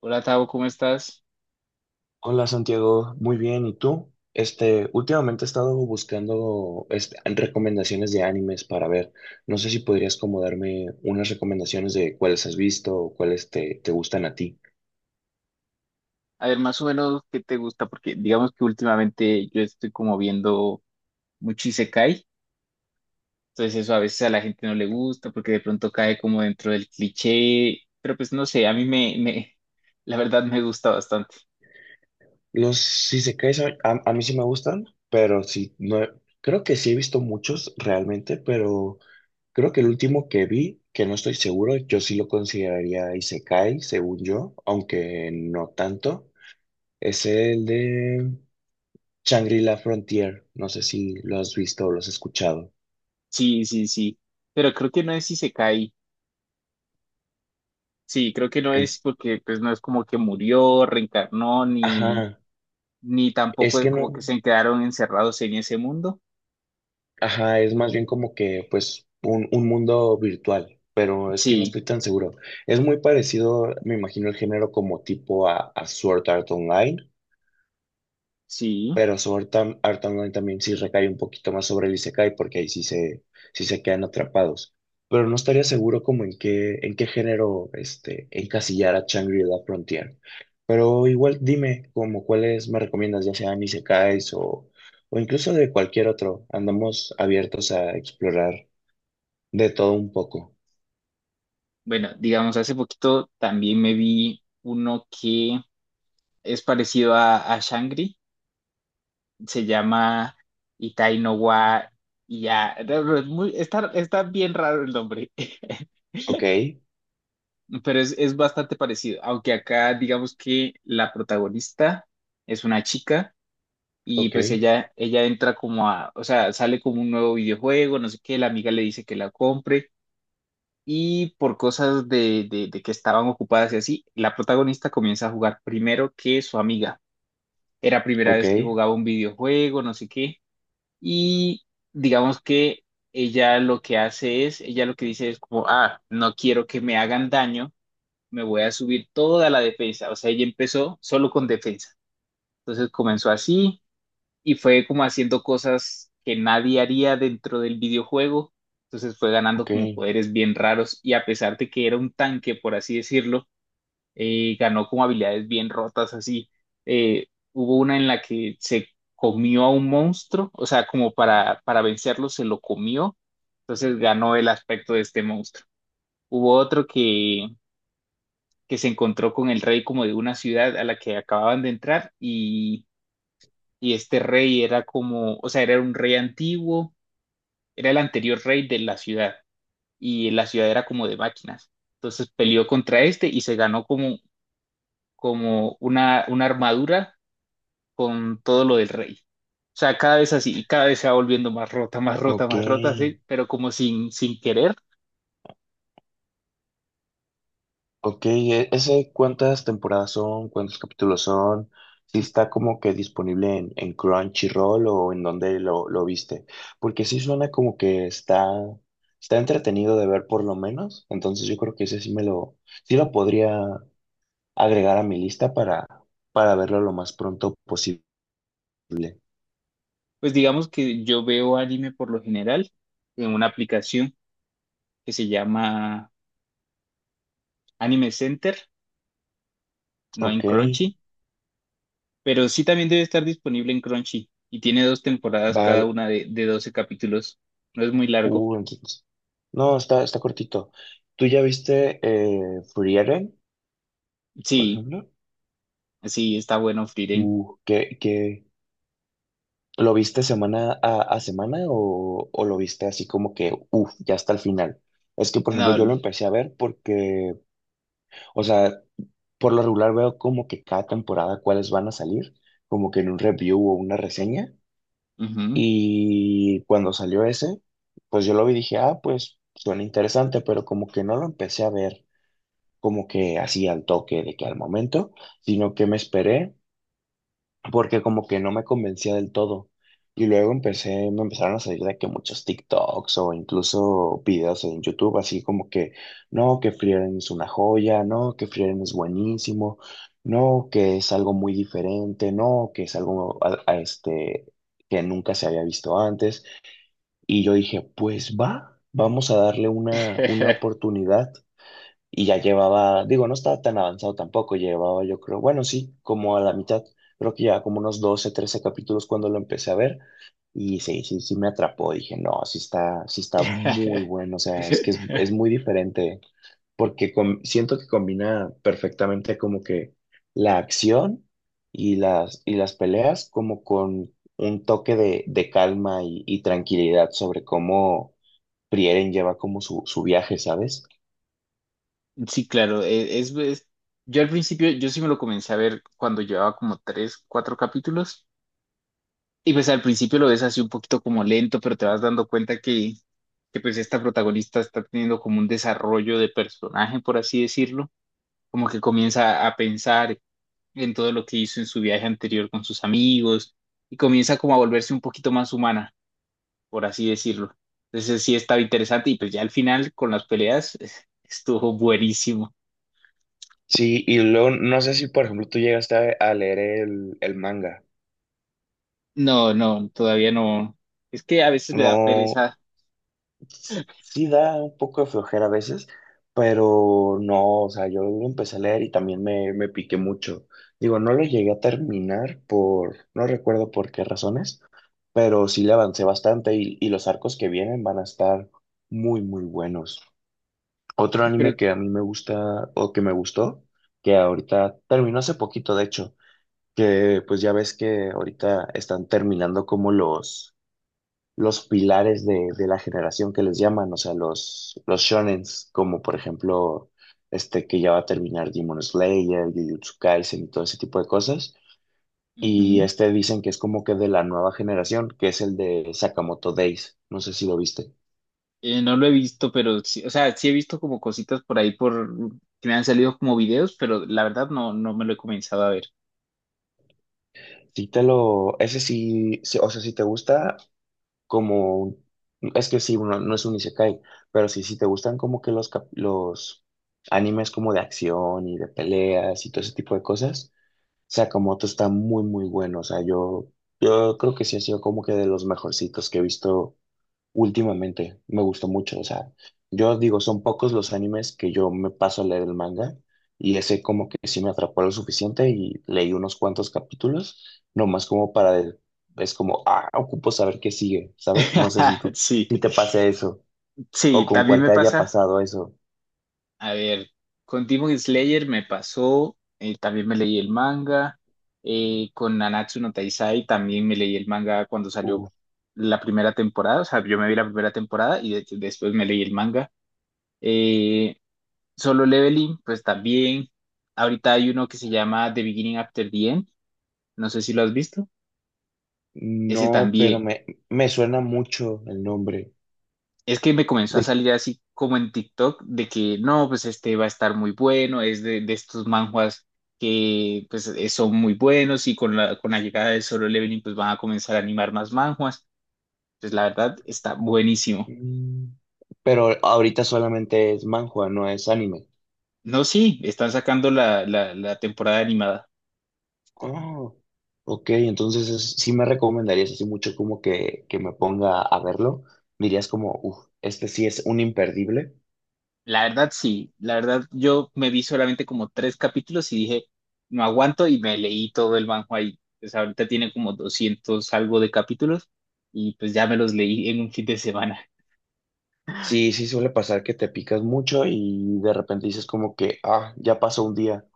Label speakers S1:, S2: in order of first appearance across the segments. S1: Hola Tavo, ¿cómo estás?
S2: Hola Santiago, muy bien, ¿y tú? Últimamente he estado buscando recomendaciones de animes para ver. No sé si podrías como darme unas recomendaciones de cuáles has visto o cuáles te gustan a ti.
S1: A ver, más o menos, ¿qué te gusta? Porque digamos que últimamente yo estoy como viendo mucho Isekai, entonces eso a veces a la gente no le gusta porque de pronto cae como dentro del cliché, pero pues no sé, a mí la verdad me gusta bastante.
S2: Los isekais a mí sí me gustan, pero sí, no, creo que sí he visto muchos realmente, pero creo que el último que vi, que no estoy seguro, yo sí lo consideraría isekai, según yo, aunque no tanto, es el de... Shangri-La Frontier, no sé si lo has visto o lo has escuchado.
S1: Sí, sí, sí, pero creo que no es Isekai, sí, creo que no
S2: En-
S1: es porque pues no es como que murió, reencarnó, ni,
S2: ajá,
S1: ni tampoco
S2: es
S1: es
S2: que
S1: como
S2: no,
S1: que se quedaron encerrados en ese mundo.
S2: ajá, es más bien como que pues un mundo virtual, pero es que no
S1: Sí,
S2: estoy tan seguro. Es muy parecido, me imagino, el género como tipo a Sword Art Online.
S1: sí.
S2: Pero su Art Online también sí recae un poquito más sobre el Isekai, porque sí se quedan atrapados. Pero no estaría seguro como en qué género encasillar a Shangri-La Frontier. Pero igual dime como cuáles me recomiendas, ya sean Isekais o incluso de cualquier otro. Andamos abiertos a explorar de todo un poco.
S1: Bueno, digamos, hace poquito también me vi uno que es parecido a Shangri, se llama Itai no wa Ya. Está bien raro el nombre,
S2: Ok,
S1: pero es bastante parecido, aunque acá digamos que la protagonista es una chica y
S2: ok,
S1: pues ella entra como o sea, sale como un nuevo videojuego, no sé qué, la amiga le dice que la compre y por cosas de que estaban ocupadas y así, la protagonista comienza a jugar primero que su amiga. Era primera
S2: ok,
S1: vez que jugaba un videojuego, no sé qué, y digamos que ella lo que dice es como, ah, no quiero que me hagan daño, me voy a subir toda la defensa. O sea, ella empezó solo con defensa. Entonces comenzó así y fue como haciendo cosas que nadie haría dentro del videojuego. Entonces fue ganando
S2: ok,
S1: como poderes bien raros y a pesar de que era un tanque, por así decirlo, ganó como habilidades bien rotas así. Hubo una en la que se comió a un monstruo, o sea, como para vencerlo se lo comió, entonces ganó el aspecto de este monstruo. Hubo otro que se encontró con el rey como de una ciudad a la que acababan de entrar y este rey era como, o sea, era un rey antiguo, era el anterior rey de la ciudad y la ciudad era como de máquinas. Entonces peleó contra este y se ganó como una armadura con todo lo del rey. O sea, cada vez así, y cada vez se va volviendo más rota, más rota,
S2: ok.
S1: más rota, así, pero como sin querer.
S2: Ok, ¿ese cuántas temporadas son? ¿Cuántos capítulos son? ¿Si está como que disponible en Crunchyroll o en donde lo viste? Porque sí suena como que está entretenido de ver por lo menos. Entonces yo creo que ese sí me lo, sí lo podría agregar a mi lista para verlo lo más pronto posible.
S1: Pues digamos que yo veo anime por lo general en una aplicación que se llama Anime Center, no en
S2: Ok,
S1: Crunchy. Pero sí también debe estar disponible en Crunchy y tiene dos temporadas cada
S2: Val,
S1: una de 12 capítulos. No es muy largo.
S2: uh, entonces- No, está cortito. ¿Tú ya viste Frieren, por
S1: Sí,
S2: ejemplo?
S1: sí, está bueno Frieren.
S2: Uh, ¿qué, qué- ¿Lo viste semana a semana o lo viste así como que, uff, ya hasta el final? Es que, por ejemplo, yo lo
S1: No,
S2: empecé a ver porque, o sea, por lo regular veo como que cada temporada cuáles van a salir, como que en un review o una reseña.
S1: ujú.
S2: Y cuando salió ese, pues yo lo vi y dije, ah, pues suena interesante, pero como que no lo empecé a ver como que así al toque de que al momento, sino que me esperé porque como que no me convencía del todo. Y luego empecé, me empezaron a salir de que muchos TikToks o incluso videos en YouTube, así como que, no, que Frieren es una joya, no, que Frieren es buenísimo, no, que es algo muy diferente, no, que es algo que nunca se había visto antes. Y yo dije, pues va, vamos a darle una oportunidad y ya llevaba, digo, no estaba tan avanzado tampoco, llevaba yo creo, bueno, sí, como a la mitad, creo que ya como unos 12 13 capítulos cuando lo empecé a ver y sí me atrapó, dije, no, sí está muy bueno, o sea, es muy diferente porque siento que combina perfectamente como que la acción y las peleas como con un toque de calma y tranquilidad sobre cómo Prieren lleva como su viaje, ¿sabes?
S1: Sí, claro, yo al principio, yo sí me lo comencé a ver cuando llevaba como tres, cuatro capítulos y pues al principio lo ves así un poquito como lento, pero te vas dando cuenta que pues esta protagonista está teniendo como un desarrollo de personaje, por así decirlo, como que comienza a pensar, en todo lo que hizo en su viaje anterior con sus amigos y comienza como a volverse un poquito más humana, por así decirlo. Entonces sí estaba interesante y pues ya al final con las peleas estuvo buenísimo.
S2: Sí, y luego no sé si, por ejemplo, tú llegaste a leer el manga.
S1: No, no, todavía no. Es que a veces me da
S2: No,
S1: pereza,
S2: sí da un poco de flojera a veces, pero no, o sea, yo lo empecé a leer y también me piqué mucho. Digo, no lo llegué a terminar por, no recuerdo por qué razones, pero sí le avancé bastante y los arcos que vienen van a estar muy, muy buenos. Otro anime
S1: pero
S2: que a mí me gusta o que me gustó, que ahorita terminó hace poquito, de hecho. Que pues ya ves que ahorita están terminando como los pilares de la generación que les llaman, o sea, los shonens, como por ejemplo, este que ya va a terminar Demon Slayer, Jujutsu Kaisen y todo ese tipo de cosas. Y
S1: ujú.
S2: este dicen que es como que de la nueva generación, que es el de Sakamoto Days. No sé si lo viste.
S1: No lo he visto, pero sí, o sea, sí he visto como cositas por ahí por que me han salido como videos, pero la verdad no, no me lo he comenzado a ver.
S2: Ese sí, sí, o sea, si te gusta, como un- es que sí, uno no es un isekai, pero sí, si te gustan como que los animes como de acción y de peleas y todo ese tipo de cosas, Sakamoto está muy muy bueno, o sea, yo creo que sí ha sido como que de los mejorcitos que he visto. Últimamente me gustó mucho, o sea, yo digo, son pocos los animes que yo me paso a leer el manga y ese como que sí me atrapó lo suficiente y leí unos cuantos capítulos, nomás como es como, ah, ocupo saber qué sigue, ¿sabes? No sé si tú,
S1: Sí,
S2: si te pase eso o
S1: sí,
S2: con
S1: también
S2: cuál
S1: me
S2: te haya
S1: pasa.
S2: pasado eso.
S1: A ver, con Demon Slayer me pasó, también me leí el manga, con Nanatsu no Taizai también me leí el manga cuando salió
S2: Uf,
S1: la primera temporada, o sea, yo me vi la primera temporada y después me leí el manga. Eh, Solo Leveling, pues también, ahorita hay uno que se llama The Beginning After the End, no sé si lo has visto, ese
S2: no, pero
S1: también.
S2: me suena mucho el nombre.
S1: Es que me comenzó a
S2: De,
S1: salir así como en TikTok de que no, pues este va a estar muy bueno, es de estos manhwas que pues son muy buenos y con la llegada de Solo Leveling pues van a comenzar a animar más manhwas. Pues la verdad está buenísimo.
S2: mm, pero ahorita solamente es manhwa, no es anime.
S1: No, sí, están sacando la temporada animada.
S2: Oh, ok, entonces sí me recomendarías así mucho como que me ponga a verlo. Dirías como, uff, este sí es un imperdible.
S1: La verdad sí, la verdad yo me vi solamente como tres capítulos y dije, no aguanto y me leí todo el manhwa y pues ahorita tiene como 200 algo de capítulos y pues ya me los leí en un fin de semana.
S2: Sí, sí suele pasar que te picas mucho y de repente dices como que, ah, ya pasó un día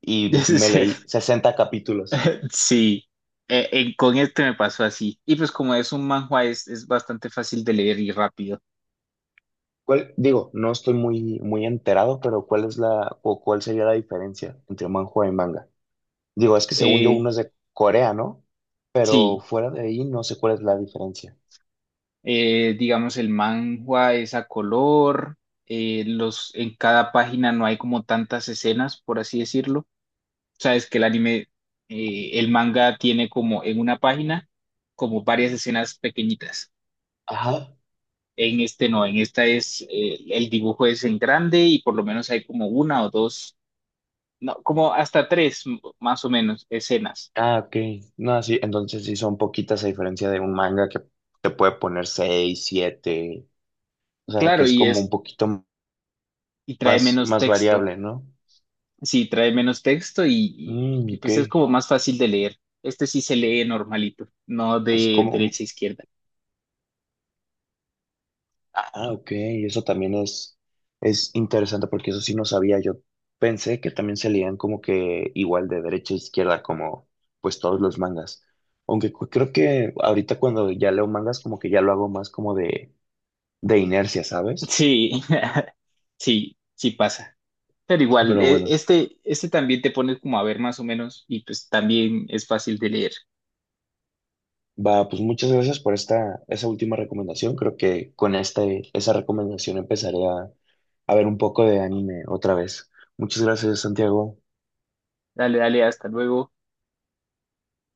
S2: y me leí 60 capítulos.
S1: Sí, con este me pasó así. Y pues como es un manhwa, es bastante fácil de leer y rápido.
S2: ¿Cuál, digo, no estoy muy, muy enterado, pero ¿cuál es o cuál sería la diferencia entre manhua y manga? Digo, es que según yo
S1: Eh,
S2: uno es de Corea, ¿no? Pero
S1: sí,
S2: fuera de ahí no sé cuál es la diferencia.
S1: digamos el manhwa es a color, en cada página no hay como tantas escenas, por así decirlo. Sabes que el anime, el manga tiene como en una página como varias escenas pequeñitas.
S2: Ajá.
S1: En este no, en esta es, el dibujo es en grande y por lo menos hay como una o dos no, como hasta tres más o menos escenas.
S2: Ah, ok. No, sí, entonces sí son poquitas a diferencia de un manga que te puede poner seis, siete, o sea, que
S1: Claro,
S2: es como un poquito
S1: y trae
S2: más,
S1: menos
S2: más
S1: texto.
S2: variable, ¿no?
S1: Sí, trae menos texto
S2: Mm, ok.
S1: pues es como más fácil de leer. Este sí se lee normalito, no
S2: Es
S1: de
S2: como, un-
S1: derecha a izquierda.
S2: ah, ok, eso también es interesante porque eso sí no sabía. Yo pensé que también se leían como que igual de derecha a izquierda, como pues todos los mangas. Aunque creo que ahorita cuando ya leo mangas, como que ya lo hago más como de inercia, ¿sabes?
S1: Sí, sí, sí pasa. Pero igual,
S2: Pero
S1: e-
S2: bueno.
S1: este, este también te pones como a ver más o menos y pues también es fácil de leer.
S2: Va, pues muchas gracias por esa última recomendación. Creo que con esa recomendación empezaré a ver un poco de anime otra vez. Muchas gracias, Santiago.
S1: Dale, dale, hasta luego.